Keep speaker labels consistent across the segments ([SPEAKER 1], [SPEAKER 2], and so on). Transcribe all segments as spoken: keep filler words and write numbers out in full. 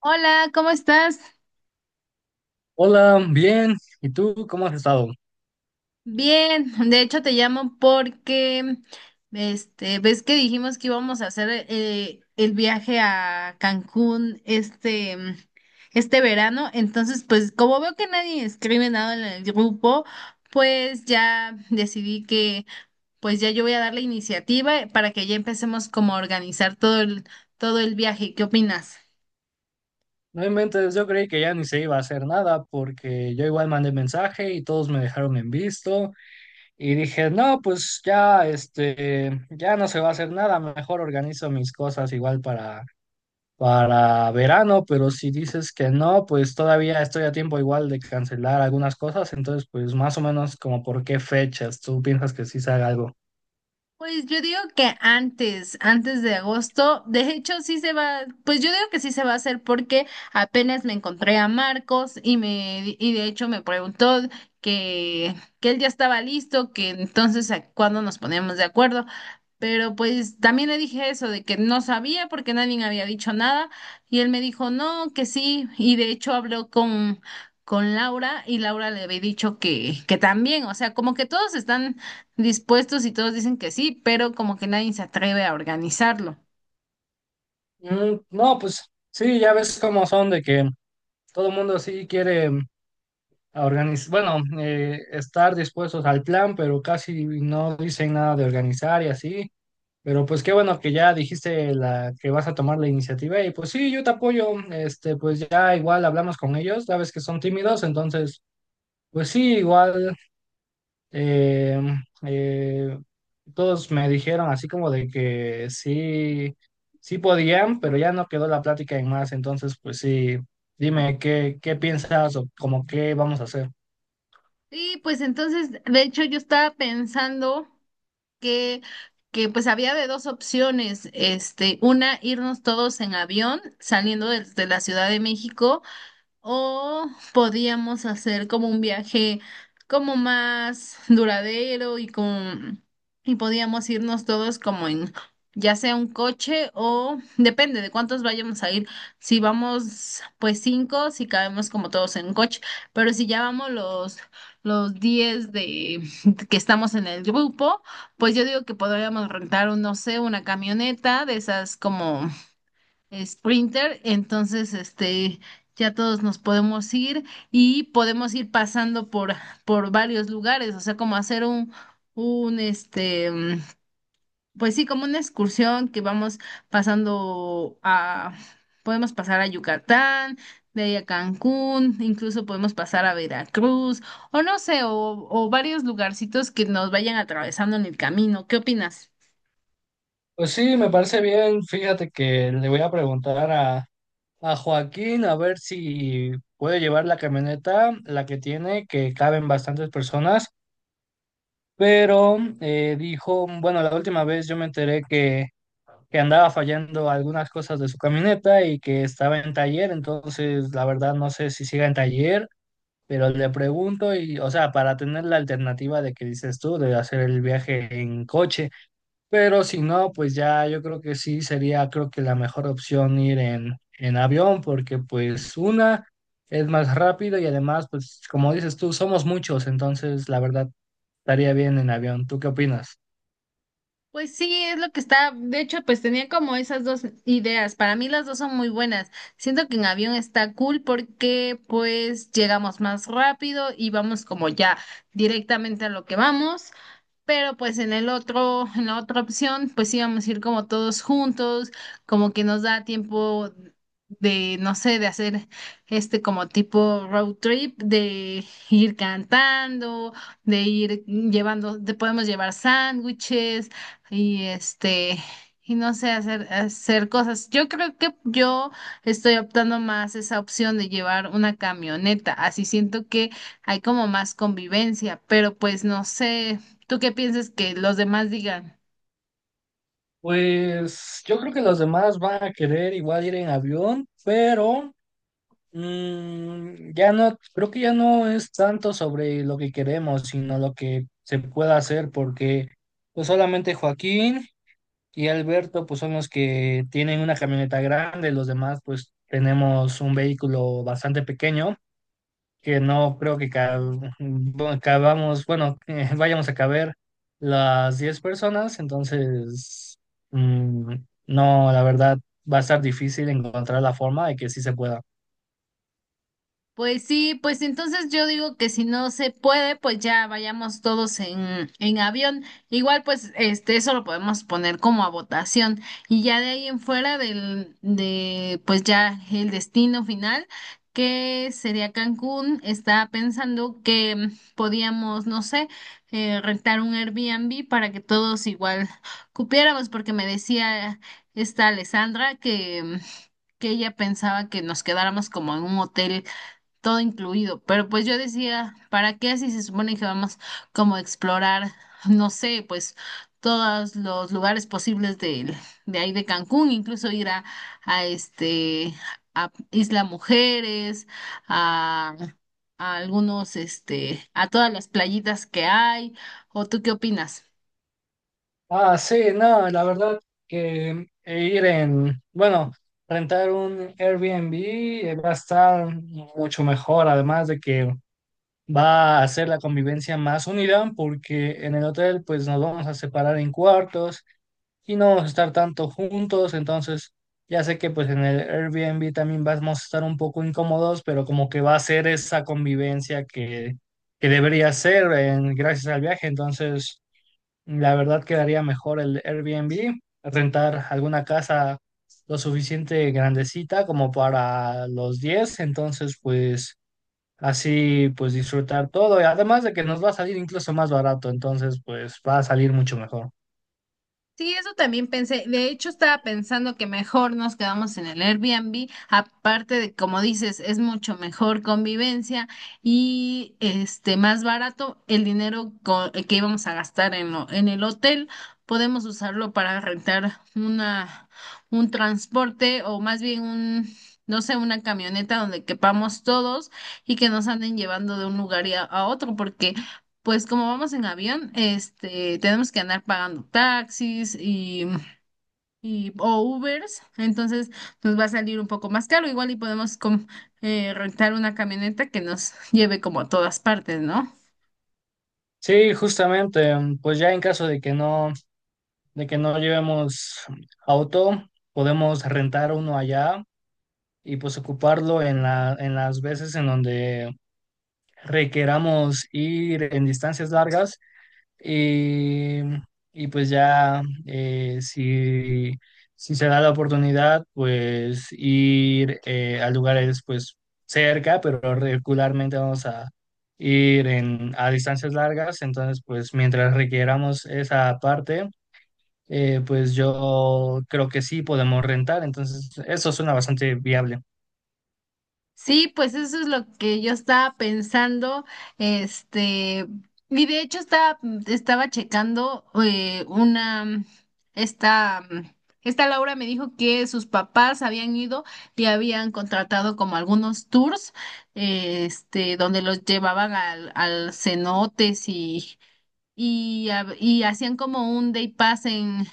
[SPEAKER 1] Hola, ¿cómo estás?
[SPEAKER 2] Hola, bien. ¿Y tú cómo has estado?
[SPEAKER 1] Bien, de hecho te llamo porque, este, ves que dijimos que íbamos a hacer eh, el viaje a Cancún este, mm, este verano, entonces pues como veo que nadie escribe nada en el grupo, pues ya decidí que pues ya yo voy a dar la iniciativa para que ya empecemos como a organizar todo el, todo el viaje. ¿Qué opinas?
[SPEAKER 2] No inventes, yo creí que ya ni se iba a hacer nada porque yo igual mandé mensaje y todos me dejaron en visto y dije, no, pues ya, este, ya no se va a hacer nada, mejor organizo mis cosas igual para, para verano, pero si dices que no, pues todavía estoy a tiempo igual de cancelar algunas cosas, entonces pues más o menos como por qué fechas tú piensas que sí se haga algo.
[SPEAKER 1] Pues yo digo que antes, antes de agosto, de hecho sí se va, pues yo digo que sí se va a hacer porque apenas me encontré a Marcos y me y de hecho me preguntó que que él ya estaba listo, que entonces a cuándo nos poníamos de acuerdo, pero pues también le dije eso de que no sabía porque nadie me había dicho nada y él me dijo no, que sí y de hecho habló con con Laura y Laura le había dicho que que también, o sea, como que todos están dispuestos y todos dicen que sí, pero como que nadie se atreve a organizarlo.
[SPEAKER 2] Mm, no, pues sí, ya ves cómo son de que todo el mundo sí quiere. A organiz- bueno, eh, estar dispuestos al plan, pero casi no dicen nada de organizar y así. Pero pues qué bueno que ya dijiste la que vas a tomar la iniciativa y pues sí, yo te apoyo. Este, pues ya igual hablamos con ellos, sabes que son tímidos, entonces pues sí, igual eh, eh, todos me dijeron así como de que sí, sí podían, pero ya no quedó la plática en más. Entonces pues sí, dime qué, qué piensas o como qué vamos a hacer.
[SPEAKER 1] Y pues entonces, de hecho, yo estaba pensando que, que pues había de dos opciones, este, una, irnos todos en avión saliendo de, de la Ciudad de México. O podíamos hacer como un viaje como más duradero y con y podíamos irnos todos como en ya sea un coche o depende de cuántos vayamos a ir. Si vamos pues cinco, si cabemos como todos en un coche, pero si ya vamos los los diez de que estamos en el grupo, pues yo digo que podríamos rentar un, no sé, una camioneta de esas como Sprinter, entonces este ya todos nos podemos ir y podemos ir pasando por por varios lugares, o sea, como hacer un un este mm, pues sí, como una excursión que vamos pasando a podemos pasar a Yucatán, de ahí a Cancún, incluso podemos pasar a Veracruz o no sé, o o varios lugarcitos que nos vayan atravesando en el camino. ¿Qué opinas?
[SPEAKER 2] Pues sí, me parece bien. Fíjate que le voy a preguntar a, a Joaquín a ver si puede llevar la camioneta, la que tiene, que caben bastantes personas, pero eh, dijo, bueno, la última vez yo me enteré que, que andaba fallando algunas cosas de su camioneta y que estaba en taller, entonces la verdad no sé si siga en taller, pero le pregunto y, o sea, para tener la alternativa de que dices tú, de hacer el viaje en coche. Pero si no, pues ya yo creo que sí sería, creo que la mejor opción ir en, en avión, porque pues una es más rápido y además, pues como dices tú, somos muchos, entonces la verdad estaría bien en avión. ¿Tú qué opinas?
[SPEAKER 1] Pues sí, es lo que está. De hecho, pues tenía como esas dos ideas. Para mí las dos son muy buenas. Siento que en avión está cool porque pues llegamos más rápido y vamos como ya directamente a lo que vamos. Pero pues en el otro, en la otra opción, pues íbamos a ir como todos juntos, como que nos da tiempo de, no sé, de hacer este como tipo road trip, de ir cantando, de ir llevando, te podemos llevar sándwiches y este, y no sé, hacer, hacer cosas. Yo creo que yo estoy optando más esa opción de llevar una camioneta, así siento que hay como más convivencia, pero pues no sé. ¿Tú qué piensas que los demás digan?
[SPEAKER 2] Pues yo creo que los demás van a querer igual ir en avión, pero mm, ya no, creo que ya no es tanto sobre lo que queremos, sino lo que se pueda hacer, porque pues solamente Joaquín. Y Alberto, pues son los que tienen una camioneta grande, los demás, pues tenemos un vehículo bastante pequeño, que no creo que ca- bueno, cabamos, bueno, eh, vayamos a caber las diez personas, entonces, mm, no, la verdad, va a estar difícil encontrar la forma de que sí se pueda.
[SPEAKER 1] Pues sí, pues entonces yo digo que si no se puede, pues ya vayamos todos en, en avión. Igual, pues, este, eso lo podemos poner como a votación. Y ya de ahí en fuera del, de, pues ya el destino final, que sería Cancún, estaba pensando que mm, podíamos, no sé, eh, rentar un Airbnb para que todos igual cupiéramos, porque me decía esta Alessandra que, mm, que ella pensaba que nos quedáramos como en un hotel todo incluido. Pero pues yo decía, ¿para qué si se supone que vamos como a explorar, no sé, pues todos los lugares posibles de, de ahí de Cancún, incluso ir a, a este a Isla Mujeres, a, a algunos, este, a todas las playitas que hay? ¿O tú qué opinas?
[SPEAKER 2] Ah, sí, no, la verdad que ir en, bueno, rentar un Airbnb eh, va a estar mucho mejor, además de que va a hacer la convivencia más unida porque en el hotel pues nos vamos a separar en cuartos y no vamos a estar tanto juntos, entonces ya sé que pues en el Airbnb también vamos a estar un poco incómodos, pero como que va a ser esa convivencia que, que debería ser en- gracias al viaje, entonces la verdad quedaría mejor el Airbnb, rentar alguna casa lo suficiente grandecita como para los diez entonces pues... Así pues disfrutar todo y además de que nos va a salir incluso más barato, entonces pues va a salir mucho mejor.
[SPEAKER 1] Sí, eso también pensé. De hecho, estaba pensando que mejor nos quedamos en el Airbnb. Aparte de, como dices, es mucho mejor convivencia y este más barato el dinero co- eh, que íbamos a gastar en lo- en el hotel. Podemos usarlo para rentar una un transporte o más bien un no sé, una camioneta donde quepamos todos y que nos anden llevando de un lugar y a a otro, porque pues como vamos en avión, este, tenemos que andar pagando taxis y, y o Ubers, entonces nos va a salir un poco más caro, igual y podemos com- eh, rentar una camioneta que nos lleve como a todas partes, ¿no?
[SPEAKER 2] Sí, justamente, mm, pues ya en caso de que no, de que no llevemos auto, podemos rentar uno allá y pues ocuparlo en la, en las veces en donde requeramos ir en distancias largas Y, y pues ya, eh, si, si se da la oportunidad, pues ir eh, a lugares pues cerca, pero regularmente vamos a ir en, a distancias largas. Entonces, pues mientras requieramos esa parte, eh, pues yo creo que sí podemos rentar. Entonces, eso suena bastante viable.
[SPEAKER 1] Sí, pues eso es lo que yo estaba pensando, este, y de hecho estaba, estaba checando eh, una, esta, esta Laura me dijo que sus papás habían ido y habían contratado como algunos tours, eh, este, donde los llevaban al, al cenotes y, y, ha- y hacían como un day pass en...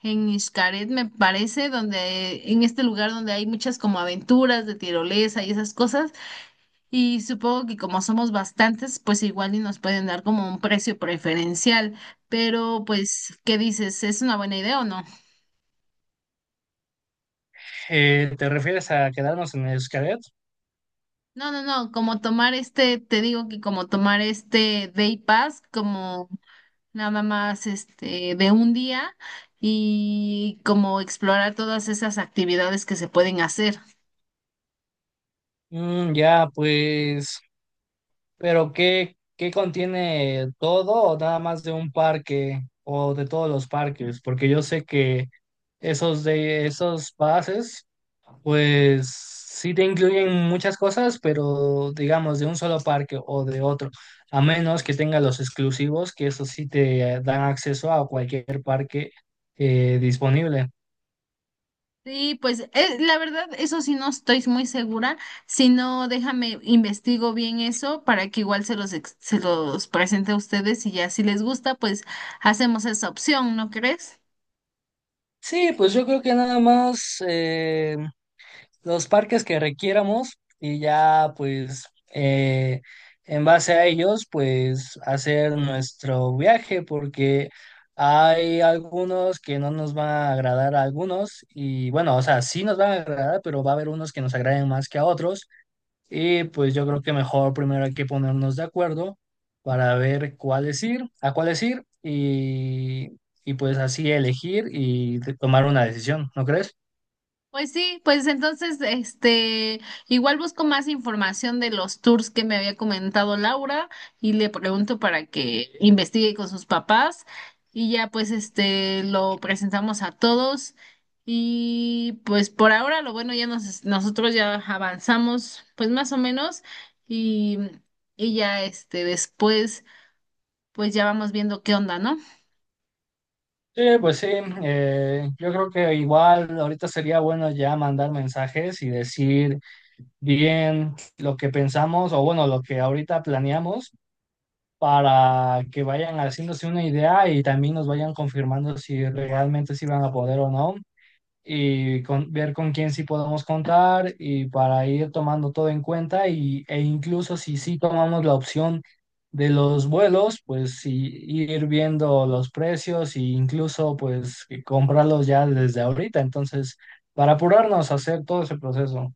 [SPEAKER 1] En Xcaret, me parece, donde en este lugar donde hay muchas como aventuras de tirolesa y esas cosas. Y supongo que como somos bastantes, pues igual y nos pueden dar como un precio preferencial, pero pues, ¿qué dices? ¿Es una buena idea o no?
[SPEAKER 2] Eh, ¿te refieres a quedarnos en Xcaret?
[SPEAKER 1] No, no, no, como tomar este, te digo que como tomar este Day Pass, como nada más este de un día y como explorar todas esas actividades que se pueden hacer.
[SPEAKER 2] Mm, ya, pues... Pero ¿qué, ¿qué contiene todo o nada más de un parque o de todos los parques? Porque yo sé que esos de esos pases, pues sí te incluyen muchas cosas, pero digamos de un solo parque o de otro, a menos que tenga los exclusivos, que eso sí te eh, dan acceso a cualquier parque eh, disponible.
[SPEAKER 1] Sí, pues eh, la verdad, eso sí no estoy muy segura. Si no, déjame investigo bien eso para que igual se los, ex- se los presente a ustedes y ya si les gusta, pues hacemos esa opción, ¿no crees?
[SPEAKER 2] Sí, pues yo creo que nada más los parques que requiéramos y ya pues eh, en base a ellos pues hacer nuestro viaje porque hay algunos que no nos van a agradar a algunos y bueno, o sea, sí nos van a agradar, pero va a haber unos que nos agraden más que a otros y pues yo creo que mejor primero hay que ponernos de acuerdo para ver cuáles ir, a cuáles ir y, y pues así elegir y tomar una decisión, ¿no crees?
[SPEAKER 1] Pues sí, pues entonces, este, igual busco más información de los tours que me había comentado Laura y le pregunto para que investigue con sus papás y ya pues este lo presentamos a todos y pues por ahora lo bueno ya nos, nosotros ya avanzamos pues más o menos y, y ya este después pues ya vamos viendo qué onda, ¿no?
[SPEAKER 2] Sí, pues sí, eh, yo creo que igual ahorita sería bueno ya mandar mensajes y decir bien lo que pensamos o bueno, lo que ahorita planeamos para que vayan haciéndose una idea y también nos vayan confirmando si realmente sí van a poder o no y con- ver con quién sí podemos contar y para ir tomando todo en cuenta y, e incluso si sí tomamos la opción de los vuelos, pues sí, ir viendo los precios e incluso pues que comprarlos ya desde ahorita. Entonces, para apurarnos a hacer todo ese proceso.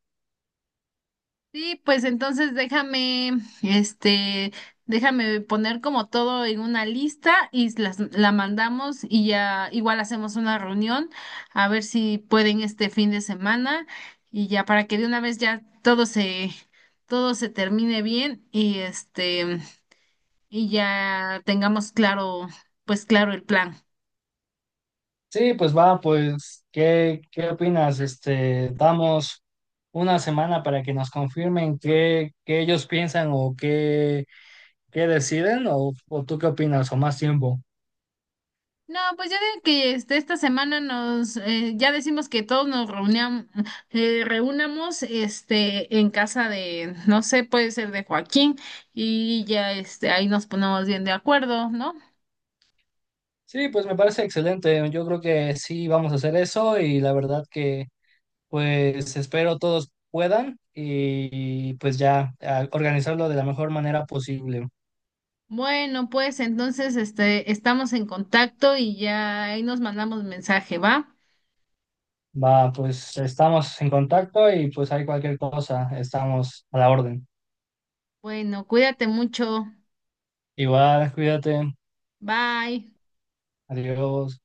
[SPEAKER 1] Sí, pues entonces déjame, este, déjame poner como todo en una lista y las, la mandamos y ya igual hacemos una reunión a ver si pueden este fin de semana y ya para que de una vez ya todo se, todo se termine bien y este, y ya tengamos claro, pues claro el plan.
[SPEAKER 2] Sí, pues va, pues, ¿qué, qué opinas? Este, damos una semana para que nos confirmen qué, qué ellos piensan o qué, qué deciden, o, o tú qué opinas, o más tiempo.
[SPEAKER 1] No, pues ya de que este, esta semana nos, eh, ya decimos que todos nos reuniam- eh, reunamos este, en casa de, no sé, puede ser de Joaquín y ya este, ahí nos ponemos bien de acuerdo, ¿no?
[SPEAKER 2] Sí, pues me parece excelente. Yo creo que sí vamos a hacer eso y la verdad que pues espero todos puedan y pues ya a- organizarlo de la mejor manera posible.
[SPEAKER 1] Bueno, pues entonces este, estamos en contacto y ya ahí nos mandamos mensaje, ¿va?
[SPEAKER 2] Va, pues estamos en contacto y pues hay cualquier cosa, estamos a la orden.
[SPEAKER 1] Bueno, cuídate mucho.
[SPEAKER 2] Igual, cuídate.
[SPEAKER 1] Bye.
[SPEAKER 2] Adiós.